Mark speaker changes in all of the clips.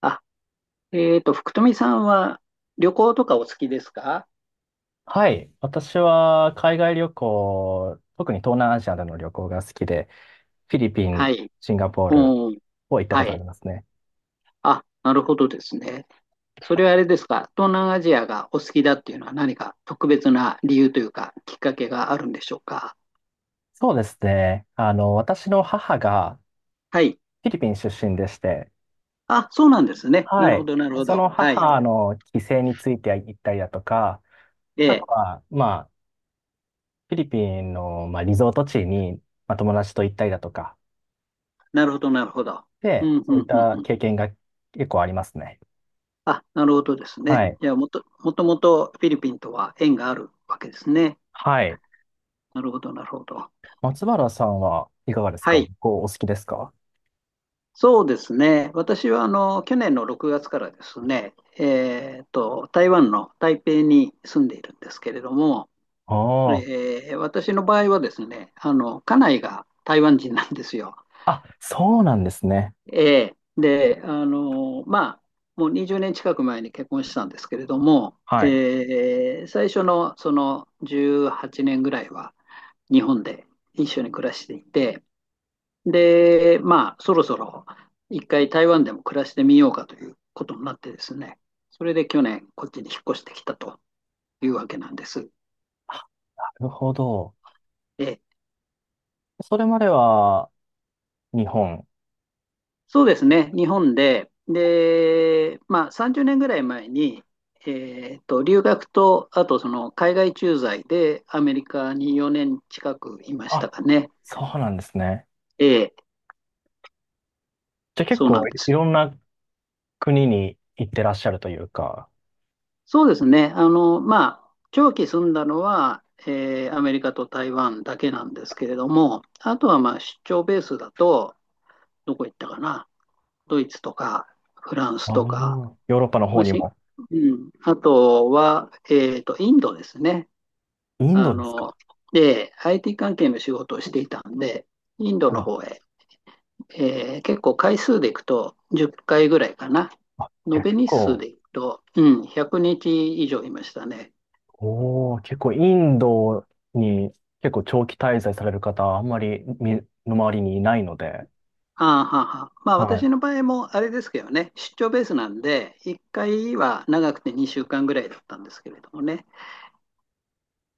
Speaker 1: あ、福富さんは旅行とかお好きですか？
Speaker 2: はい。私は海外旅行、特に東南アジアでの旅行が好きで、フィリピ
Speaker 1: は
Speaker 2: ン、
Speaker 1: い。
Speaker 2: シンガポール
Speaker 1: うん。
Speaker 2: を行ったこ
Speaker 1: は
Speaker 2: とあり
Speaker 1: い。
Speaker 2: ますね。
Speaker 1: あ、なるほどですね。それはあれですか、東南アジアがお好きだっていうのは何か特別な理由というか、きっかけがあるんでしょうか？
Speaker 2: そうですね。私の母が
Speaker 1: はい。
Speaker 2: フィリピン出身でして、
Speaker 1: あ、そうなんですね。な
Speaker 2: は
Speaker 1: るほ
Speaker 2: い。
Speaker 1: ど、なるほ
Speaker 2: そ
Speaker 1: ど。
Speaker 2: の
Speaker 1: はい。
Speaker 2: 母の帰省について行ったりだとか、
Speaker 1: え
Speaker 2: あと
Speaker 1: え、
Speaker 2: は、まあ、フィリピンの、まあ、リゾート地に、まあ、友達と行ったりだとか、
Speaker 1: なるほど、なるほど。う
Speaker 2: で、
Speaker 1: ん、
Speaker 2: そ
Speaker 1: う
Speaker 2: うい
Speaker 1: ん、
Speaker 2: っ
Speaker 1: うん、
Speaker 2: た
Speaker 1: うん。
Speaker 2: 経験が結構ありますね。
Speaker 1: あ、なるほどです
Speaker 2: は
Speaker 1: ね。
Speaker 2: い。
Speaker 1: いや、もともとフィリピンとは縁があるわけですね。
Speaker 2: はい。
Speaker 1: なるほど、なるほど。
Speaker 2: 松原さんはいかがです
Speaker 1: は
Speaker 2: か？旅
Speaker 1: い。
Speaker 2: 行お好きですか？
Speaker 1: そうですね。私はあの去年の6月からですね、台湾の台北に住んでいるんですけれども、
Speaker 2: ああ。
Speaker 1: えー私の場合はですね、あの家内が台湾人なんですよ。
Speaker 2: あ、そうなんですね。
Speaker 1: えーで、あのまあ、もう20年近く前に結婚したんですけれども、
Speaker 2: はい。
Speaker 1: えー最初のその18年ぐらいは日本で一緒に暮らしていて、で、まあ、そろそろ一回台湾でも暮らしてみようかということになってですね、それで去年、こっちに引っ越してきたというわけなんです。
Speaker 2: あ、なるほど。
Speaker 1: で、
Speaker 2: それまでは日本。
Speaker 1: そうですね、日本で、で、まあ、30年ぐらい前に、留学と、あとその海外駐在でアメリカに4年近くいました
Speaker 2: あ、
Speaker 1: かね。
Speaker 2: そうなんですね。
Speaker 1: ええ、
Speaker 2: じゃあ結
Speaker 1: そうな
Speaker 2: 構
Speaker 1: んで
Speaker 2: いい
Speaker 1: すよ。
Speaker 2: ろんな国に行ってらっしゃるというか、
Speaker 1: そうですね。あの、まあ、長期住んだのは、えーアメリカと台湾だけなんですけれども、あとはまあ出張ベースだと、どこ行ったかな、ドイツとかフランス
Speaker 2: ああ、
Speaker 1: とか、
Speaker 2: ヨーロッパの方
Speaker 1: まあ
Speaker 2: に
Speaker 1: し
Speaker 2: も。
Speaker 1: うん、あとは、インドですね。
Speaker 2: イン
Speaker 1: あ
Speaker 2: ドですか？
Speaker 1: の、で、IT 関係の仕事をしていたんで、インド
Speaker 2: は
Speaker 1: の
Speaker 2: い。
Speaker 1: 方へ、えー結構回数でいくと10回ぐらいかな。
Speaker 2: あ、じゃ
Speaker 1: 延
Speaker 2: あ
Speaker 1: べ
Speaker 2: 結
Speaker 1: 日数
Speaker 2: 構、
Speaker 1: でいくと、うん、100日以上いましたね。
Speaker 2: おー、結構インドに結構長期滞在される方、あんまりみの周りにいないので、
Speaker 1: ああ、はあはあ、まあ
Speaker 2: は
Speaker 1: 私
Speaker 2: い。
Speaker 1: の場合もあれですけどね、出張ベースなんで、1回は長くて2週間ぐらいだったんですけれどもね。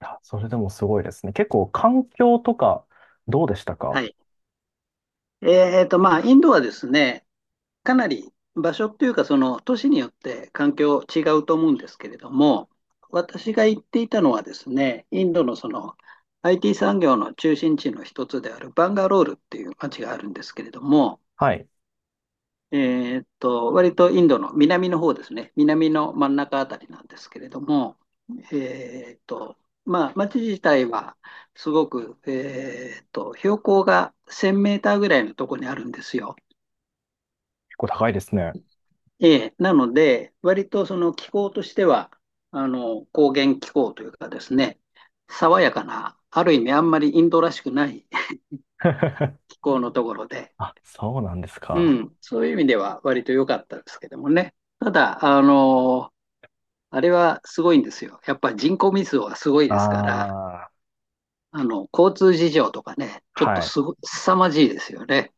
Speaker 2: や、それでもすごいですね。結構環境とかどうでした
Speaker 1: は
Speaker 2: か？
Speaker 1: い。まあインドはですね、かなり場所っていうか、その都市によって環境違うと思うんですけれども、私が行っていたのはですね、インドのその IT 産業の中心地の一つであるバンガロールっていう街があるんですけれども、
Speaker 2: はい。結
Speaker 1: 割とインドの南の方ですね、南の真ん中あたりなんですけれども、えーっと、まあ、町自体はすごく、標高が1000メーターぐらいのところにあるんですよ。
Speaker 2: 構高いですね。
Speaker 1: ええ、なので、割とその気候としては、あの、高原気候というかですね、爽やかな、ある意味あんまりインドらしくない 気 候のところで、
Speaker 2: あ、そうなんです
Speaker 1: う
Speaker 2: か。
Speaker 1: ん、そういう意味では割と良かったですけどもね。ただ、あの、あれはすごいんですよ。やっぱ人口密度がすごいですから、
Speaker 2: ああ、
Speaker 1: あの、交通事情とかね、ちょっ
Speaker 2: は
Speaker 1: と
Speaker 2: い。
Speaker 1: すご、凄まじいですよね。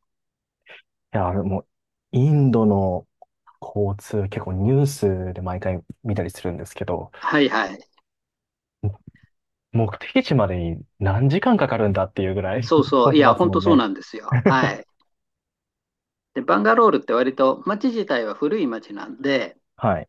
Speaker 2: いや、でも、インドの交通、結構ニュースで毎回見たりするんですけど、
Speaker 1: はいはい。
Speaker 2: 目的地までに何時間かかるんだっていうぐらい
Speaker 1: そう そ
Speaker 2: 混ん
Speaker 1: う。い
Speaker 2: で
Speaker 1: や、
Speaker 2: ます
Speaker 1: 本
Speaker 2: も
Speaker 1: 当
Speaker 2: ん
Speaker 1: そう
Speaker 2: ね。
Speaker 1: なんですよ。は い。で、バンガロールって割と街自体は古い街なんで、
Speaker 2: はい。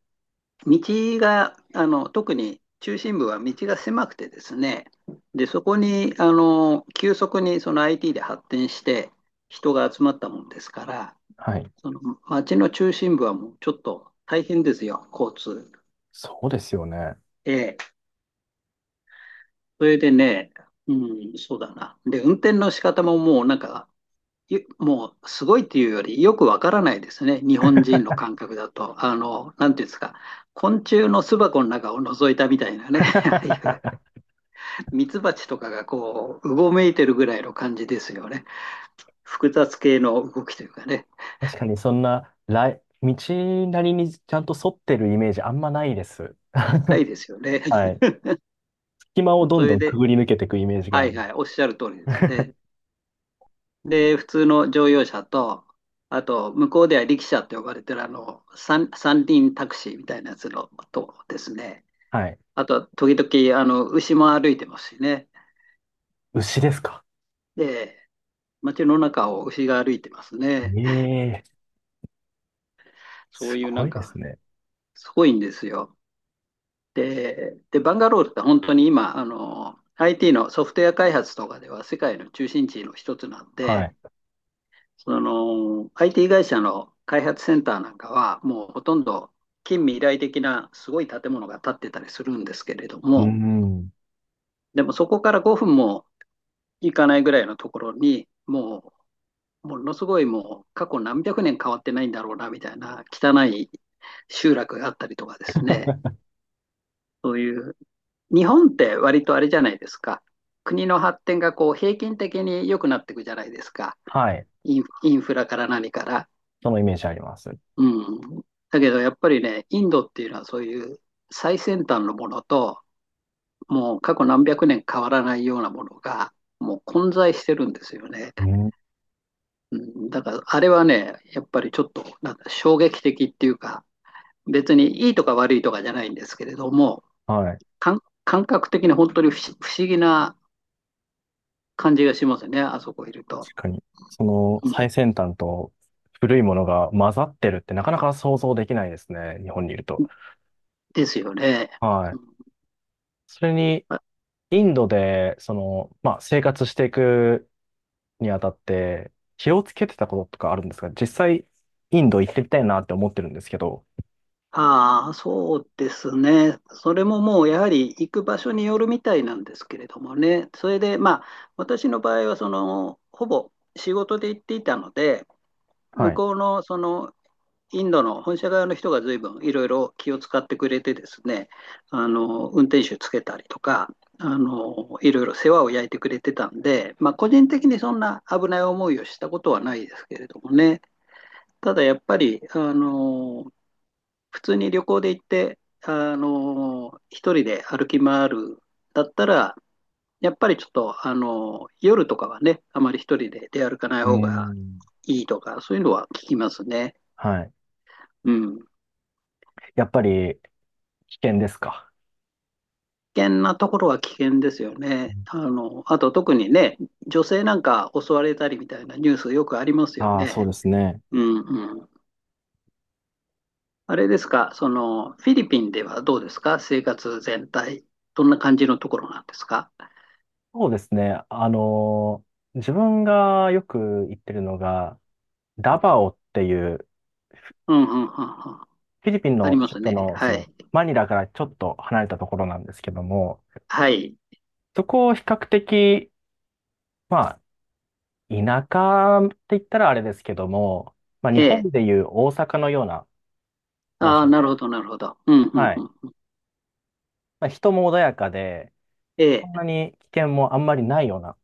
Speaker 1: 道が、あの、特に中心部は道が狭くてですね、で、そこに、あの、急速にその IT で発展して人が集まったもんですから、
Speaker 2: はい。
Speaker 1: その街の中心部はもうちょっと大変ですよ、交通。
Speaker 2: そうですよね。
Speaker 1: ええ、それでね、うん、そうだな。で、運転の仕方ももうなんか、もうすごいっていうよりよくわからないですね。日本人の感覚だと。あの、なんていうんですか。昆虫の巣箱の中を覗いたみたいなね。ああいう ミツバチとかがこう、うごめいてるぐらいの感じですよね。複雑系の動きというかね。
Speaker 2: 確かにそんな、道なりにちゃんと沿ってるイメージあんまないです。
Speaker 1: ないですよね。
Speaker 2: はい。隙間をど
Speaker 1: そ
Speaker 2: んど
Speaker 1: れ
Speaker 2: んく
Speaker 1: で、
Speaker 2: ぐり抜けていくイメージが
Speaker 1: は
Speaker 2: あ
Speaker 1: い
Speaker 2: る。
Speaker 1: はい、おっしゃる通りですね。で、普通の乗用車と、あと、向こうでは力車って呼ばれてるあの、三輪タクシーみたいなやつのとですね。
Speaker 2: はい。
Speaker 1: あと、時々、あの、牛も歩いてますしね。
Speaker 2: 牛ですか。
Speaker 1: で、街の中を牛が歩いてます
Speaker 2: え
Speaker 1: ね。
Speaker 2: え、
Speaker 1: そ
Speaker 2: す
Speaker 1: ういうな
Speaker 2: ご
Speaker 1: ん
Speaker 2: いです
Speaker 1: か、
Speaker 2: ね。
Speaker 1: すごいんですよ。で、バンガロールって本当に今、あの、IT のソフトウェア開発とかでは世界の中心地の一つなん
Speaker 2: はい。
Speaker 1: で、その IT 会社の開発センターなんかは、もうほとんど近未来的なすごい建物が建ってたりするんですけれど
Speaker 2: う
Speaker 1: も、
Speaker 2: ん。
Speaker 1: でもそこから5分も行かないぐらいのところに、もうものすごい、もう過去何百年変わってないんだろうなみたいな汚い集落があったりとかですね、そういう、日本って割とあれじゃないですか。国の発展がこう平均的に良くなっていくじゃないですか。
Speaker 2: はい。
Speaker 1: インフラから何から。
Speaker 2: そのイメージあります。
Speaker 1: うん。だけどやっぱりね、インドっていうのはそういう最先端のものと、もう過去何百年変わらないようなものが、もう混在してるんですよね。
Speaker 2: うん。
Speaker 1: うん、だからあれはね、やっぱりちょっとなんか衝撃的っていうか、別にいいとか悪いとかじゃないんですけれども、
Speaker 2: はい。
Speaker 1: 感覚的に本当に不思議な感じがしますね、あそこいると。
Speaker 2: 確かに。その
Speaker 1: うん、
Speaker 2: 最先端と古いものが混ざってるってなかなか想像できないですね。日本にいると。
Speaker 1: ですよね。
Speaker 2: は
Speaker 1: う
Speaker 2: い。
Speaker 1: ん。
Speaker 2: それに、インドで、その、まあ、生活していくにあたって、気をつけてたこととかあるんですか？実際、インド行ってみたいなって思ってるんですけど。
Speaker 1: ああ、そうですね。それももうやはり行く場所によるみたいなんですけれどもね。それでまあ、私の場合はその、ほぼ仕事で行っていたので、
Speaker 2: は
Speaker 1: 向
Speaker 2: い。
Speaker 1: こうのその、インドの本社側の人が随分いろいろ気を使ってくれてですね、あの、運転手つけたりとか、あの、いろいろ世話を焼いてくれてたんで、まあ、個人的にそんな危ない思いをしたことはないですけれどもね。ただやっぱり、あの普通に旅行で行って、あのー、一人で歩き回るだったら、やっぱりちょっと、あのー、夜とかはね、あまり一人で出歩かない
Speaker 2: うー
Speaker 1: 方が
Speaker 2: ん。
Speaker 1: いいとか、そういうのは聞きますね。
Speaker 2: はい。
Speaker 1: うん。
Speaker 2: やっぱり、危険ですか？
Speaker 1: 危険なところは危険ですよね。あの、あと特にね、女性なんか襲われたりみたいなニュースよくありますよ
Speaker 2: ああー、そう
Speaker 1: ね。
Speaker 2: ですね。
Speaker 1: うんうん。あれですか、その、フィリピンではどうですか、生活全体。どんな感じのところなんですか？
Speaker 2: そうですね。自分がよく行ってるのが、ダバオっていう、
Speaker 1: うんうんうんうん。
Speaker 2: フィリピン
Speaker 1: あり
Speaker 2: の
Speaker 1: ます
Speaker 2: 首都
Speaker 1: ね。
Speaker 2: の、そ
Speaker 1: はい。
Speaker 2: の、マニラからちょっと離れたところなんですけども、
Speaker 1: はい。
Speaker 2: そこを比較的、まあ、田舎って言ったらあれですけども、まあ、日
Speaker 1: ええ。
Speaker 2: 本でいう大阪のような場
Speaker 1: ああ、
Speaker 2: 所
Speaker 1: なるほ
Speaker 2: で、
Speaker 1: ど、なるほど。うん、う
Speaker 2: はい。
Speaker 1: ん、うん。
Speaker 2: まあ、人も穏やかで、そ
Speaker 1: え
Speaker 2: ん
Speaker 1: え。
Speaker 2: なに危険もあんまりないような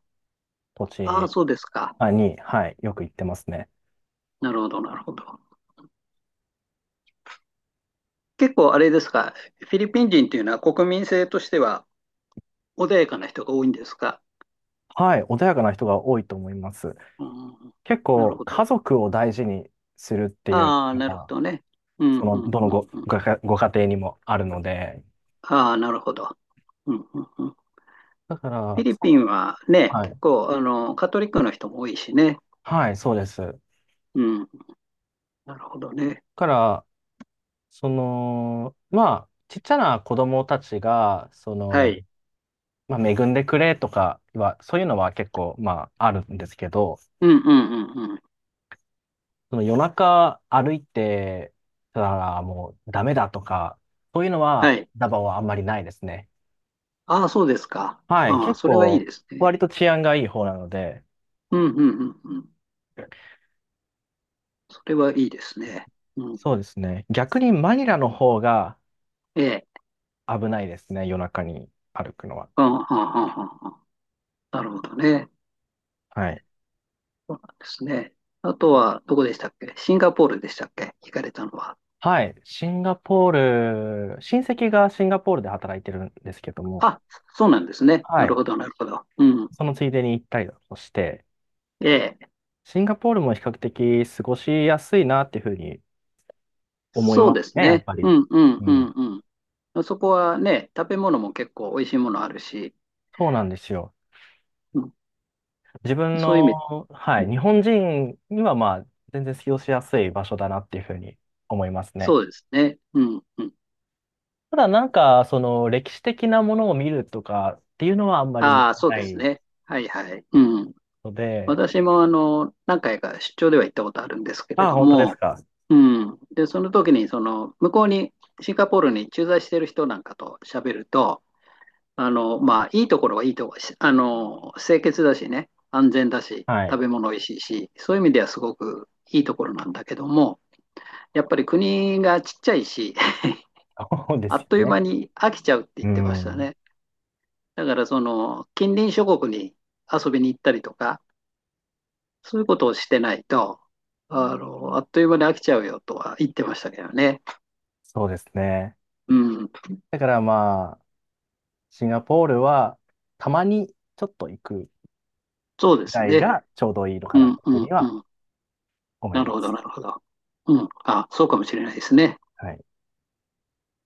Speaker 2: 土
Speaker 1: ああ、
Speaker 2: 地
Speaker 1: そうですか。
Speaker 2: あに、はい、よく行ってますね。
Speaker 1: なるほど、なるほど。結構あれですか。フィリピン人っていうのは国民性としては穏やかな人が多いんですか？
Speaker 2: はい、穏やかな人が多いと思います。
Speaker 1: うん、
Speaker 2: 結
Speaker 1: なる
Speaker 2: 構、
Speaker 1: ほど。
Speaker 2: 家族を大事にするっていう
Speaker 1: ああ、
Speaker 2: の
Speaker 1: なるほ
Speaker 2: が、
Speaker 1: どね。うん、
Speaker 2: そ
Speaker 1: う
Speaker 2: の、
Speaker 1: ん、
Speaker 2: どの
Speaker 1: うん、
Speaker 2: ご、
Speaker 1: うん。
Speaker 2: ご家、ご家庭にもあるので、
Speaker 1: ああ、なるほど。うん、うん、うん。
Speaker 2: だか
Speaker 1: フィ
Speaker 2: ら、
Speaker 1: リ
Speaker 2: そ
Speaker 1: ピ
Speaker 2: う、
Speaker 1: ンはね、
Speaker 2: は
Speaker 1: 結
Speaker 2: い、
Speaker 1: 構、あの、カトリックの人も多いしね。
Speaker 2: はい、そうです。だ
Speaker 1: うん、なるほどね。
Speaker 2: から、その、まあ、ちっちゃな子供たちが、そ
Speaker 1: は
Speaker 2: の、
Speaker 1: い。
Speaker 2: まあ、恵んでくれとかは、そういうのは結構、まあ、あるんですけど、
Speaker 1: うん、うん、うん、うん。
Speaker 2: その夜中歩いてたらもうダメだとか、そういうの
Speaker 1: は
Speaker 2: は
Speaker 1: い。
Speaker 2: ダバオはあんまりないですね。
Speaker 1: ああ、そうですか。
Speaker 2: はい、
Speaker 1: ああ、
Speaker 2: 結
Speaker 1: それはいい
Speaker 2: 構
Speaker 1: ですね。
Speaker 2: 割と治安がいい方なので、
Speaker 1: うん、うん、うん、うん。それはいいですね。うん。
Speaker 2: そうですね。逆にマニラの方が
Speaker 1: ええ。
Speaker 2: 危ないですね、夜中に歩くのは。
Speaker 1: うん、うん、うん、うんうん。なるほどね。
Speaker 2: はい。
Speaker 1: そうなんですね。あとは、どこでしたっけ、シンガポールでしたっけ、行かれたのは。
Speaker 2: はい、シンガポール、親戚がシンガポールで働いてるんですけども、
Speaker 1: あ、そうなんですね。
Speaker 2: は
Speaker 1: なる
Speaker 2: い、
Speaker 1: ほど、なるほど。うん。
Speaker 2: そのついでに行ったりだとして、
Speaker 1: ええ。
Speaker 2: シンガポールも比較的過ごしやすいなっていうふうに思い
Speaker 1: そ
Speaker 2: ま
Speaker 1: う
Speaker 2: す
Speaker 1: です
Speaker 2: ね、やっ
Speaker 1: ね。
Speaker 2: ぱ
Speaker 1: う
Speaker 2: り。
Speaker 1: ん、うん、
Speaker 2: う
Speaker 1: う
Speaker 2: ん、
Speaker 1: ん、うん。そこはね、食べ物も結構美味しいものあるし、
Speaker 2: そうなんですよ。
Speaker 1: うん、
Speaker 2: 自分
Speaker 1: そういう
Speaker 2: の、
Speaker 1: 意味、
Speaker 2: はい、日本人にはまあ、全然使用しやすい場所だなっていうふうに思いますね。
Speaker 1: そうですね。うん、うん。
Speaker 2: ただなんか、その歴史的なものを見るとかっていうのはあんまり向い
Speaker 1: ああ、
Speaker 2: て
Speaker 1: そう
Speaker 2: な
Speaker 1: です
Speaker 2: い
Speaker 1: ね。はい、はい。うん。
Speaker 2: ので、
Speaker 1: 私もあの、何回か出張では行ったことあるんですけれ
Speaker 2: ああ、
Speaker 1: ど
Speaker 2: 本当です
Speaker 1: も、
Speaker 2: か。
Speaker 1: うん。で、その時に、その、向こうに、シンガポールに駐在してる人なんかと喋ると、あの、まあ、いいところはいいところ、あの、清潔だしね、安全だし、
Speaker 2: はい。
Speaker 1: 食べ物おいしいし、そういう意味ではすごくいいところなんだけども、やっぱり国がちっちゃいし、
Speaker 2: そうで
Speaker 1: あ
Speaker 2: すよ
Speaker 1: っという
Speaker 2: ね。
Speaker 1: 間に飽きちゃうって言
Speaker 2: う
Speaker 1: ってました
Speaker 2: ん。
Speaker 1: ね。だから、その、近隣諸国に遊びに行ったりとか、そういうことをしてないと、あの、あっという間に飽きちゃうよとは言ってましたけどね。
Speaker 2: そうですね。
Speaker 1: うん、
Speaker 2: だからまあ、シンガポールはたまにちょっと行く
Speaker 1: そうで
Speaker 2: ぐ
Speaker 1: す
Speaker 2: らい
Speaker 1: ね。
Speaker 2: がちょうどいいのか
Speaker 1: う
Speaker 2: な
Speaker 1: ん、
Speaker 2: というふう
Speaker 1: う
Speaker 2: に
Speaker 1: ん、う
Speaker 2: は
Speaker 1: ん。
Speaker 2: 思い
Speaker 1: なる
Speaker 2: ま
Speaker 1: ほど、
Speaker 2: す。
Speaker 1: なるほど。うん、あ、そうかもしれないですね。
Speaker 2: はい。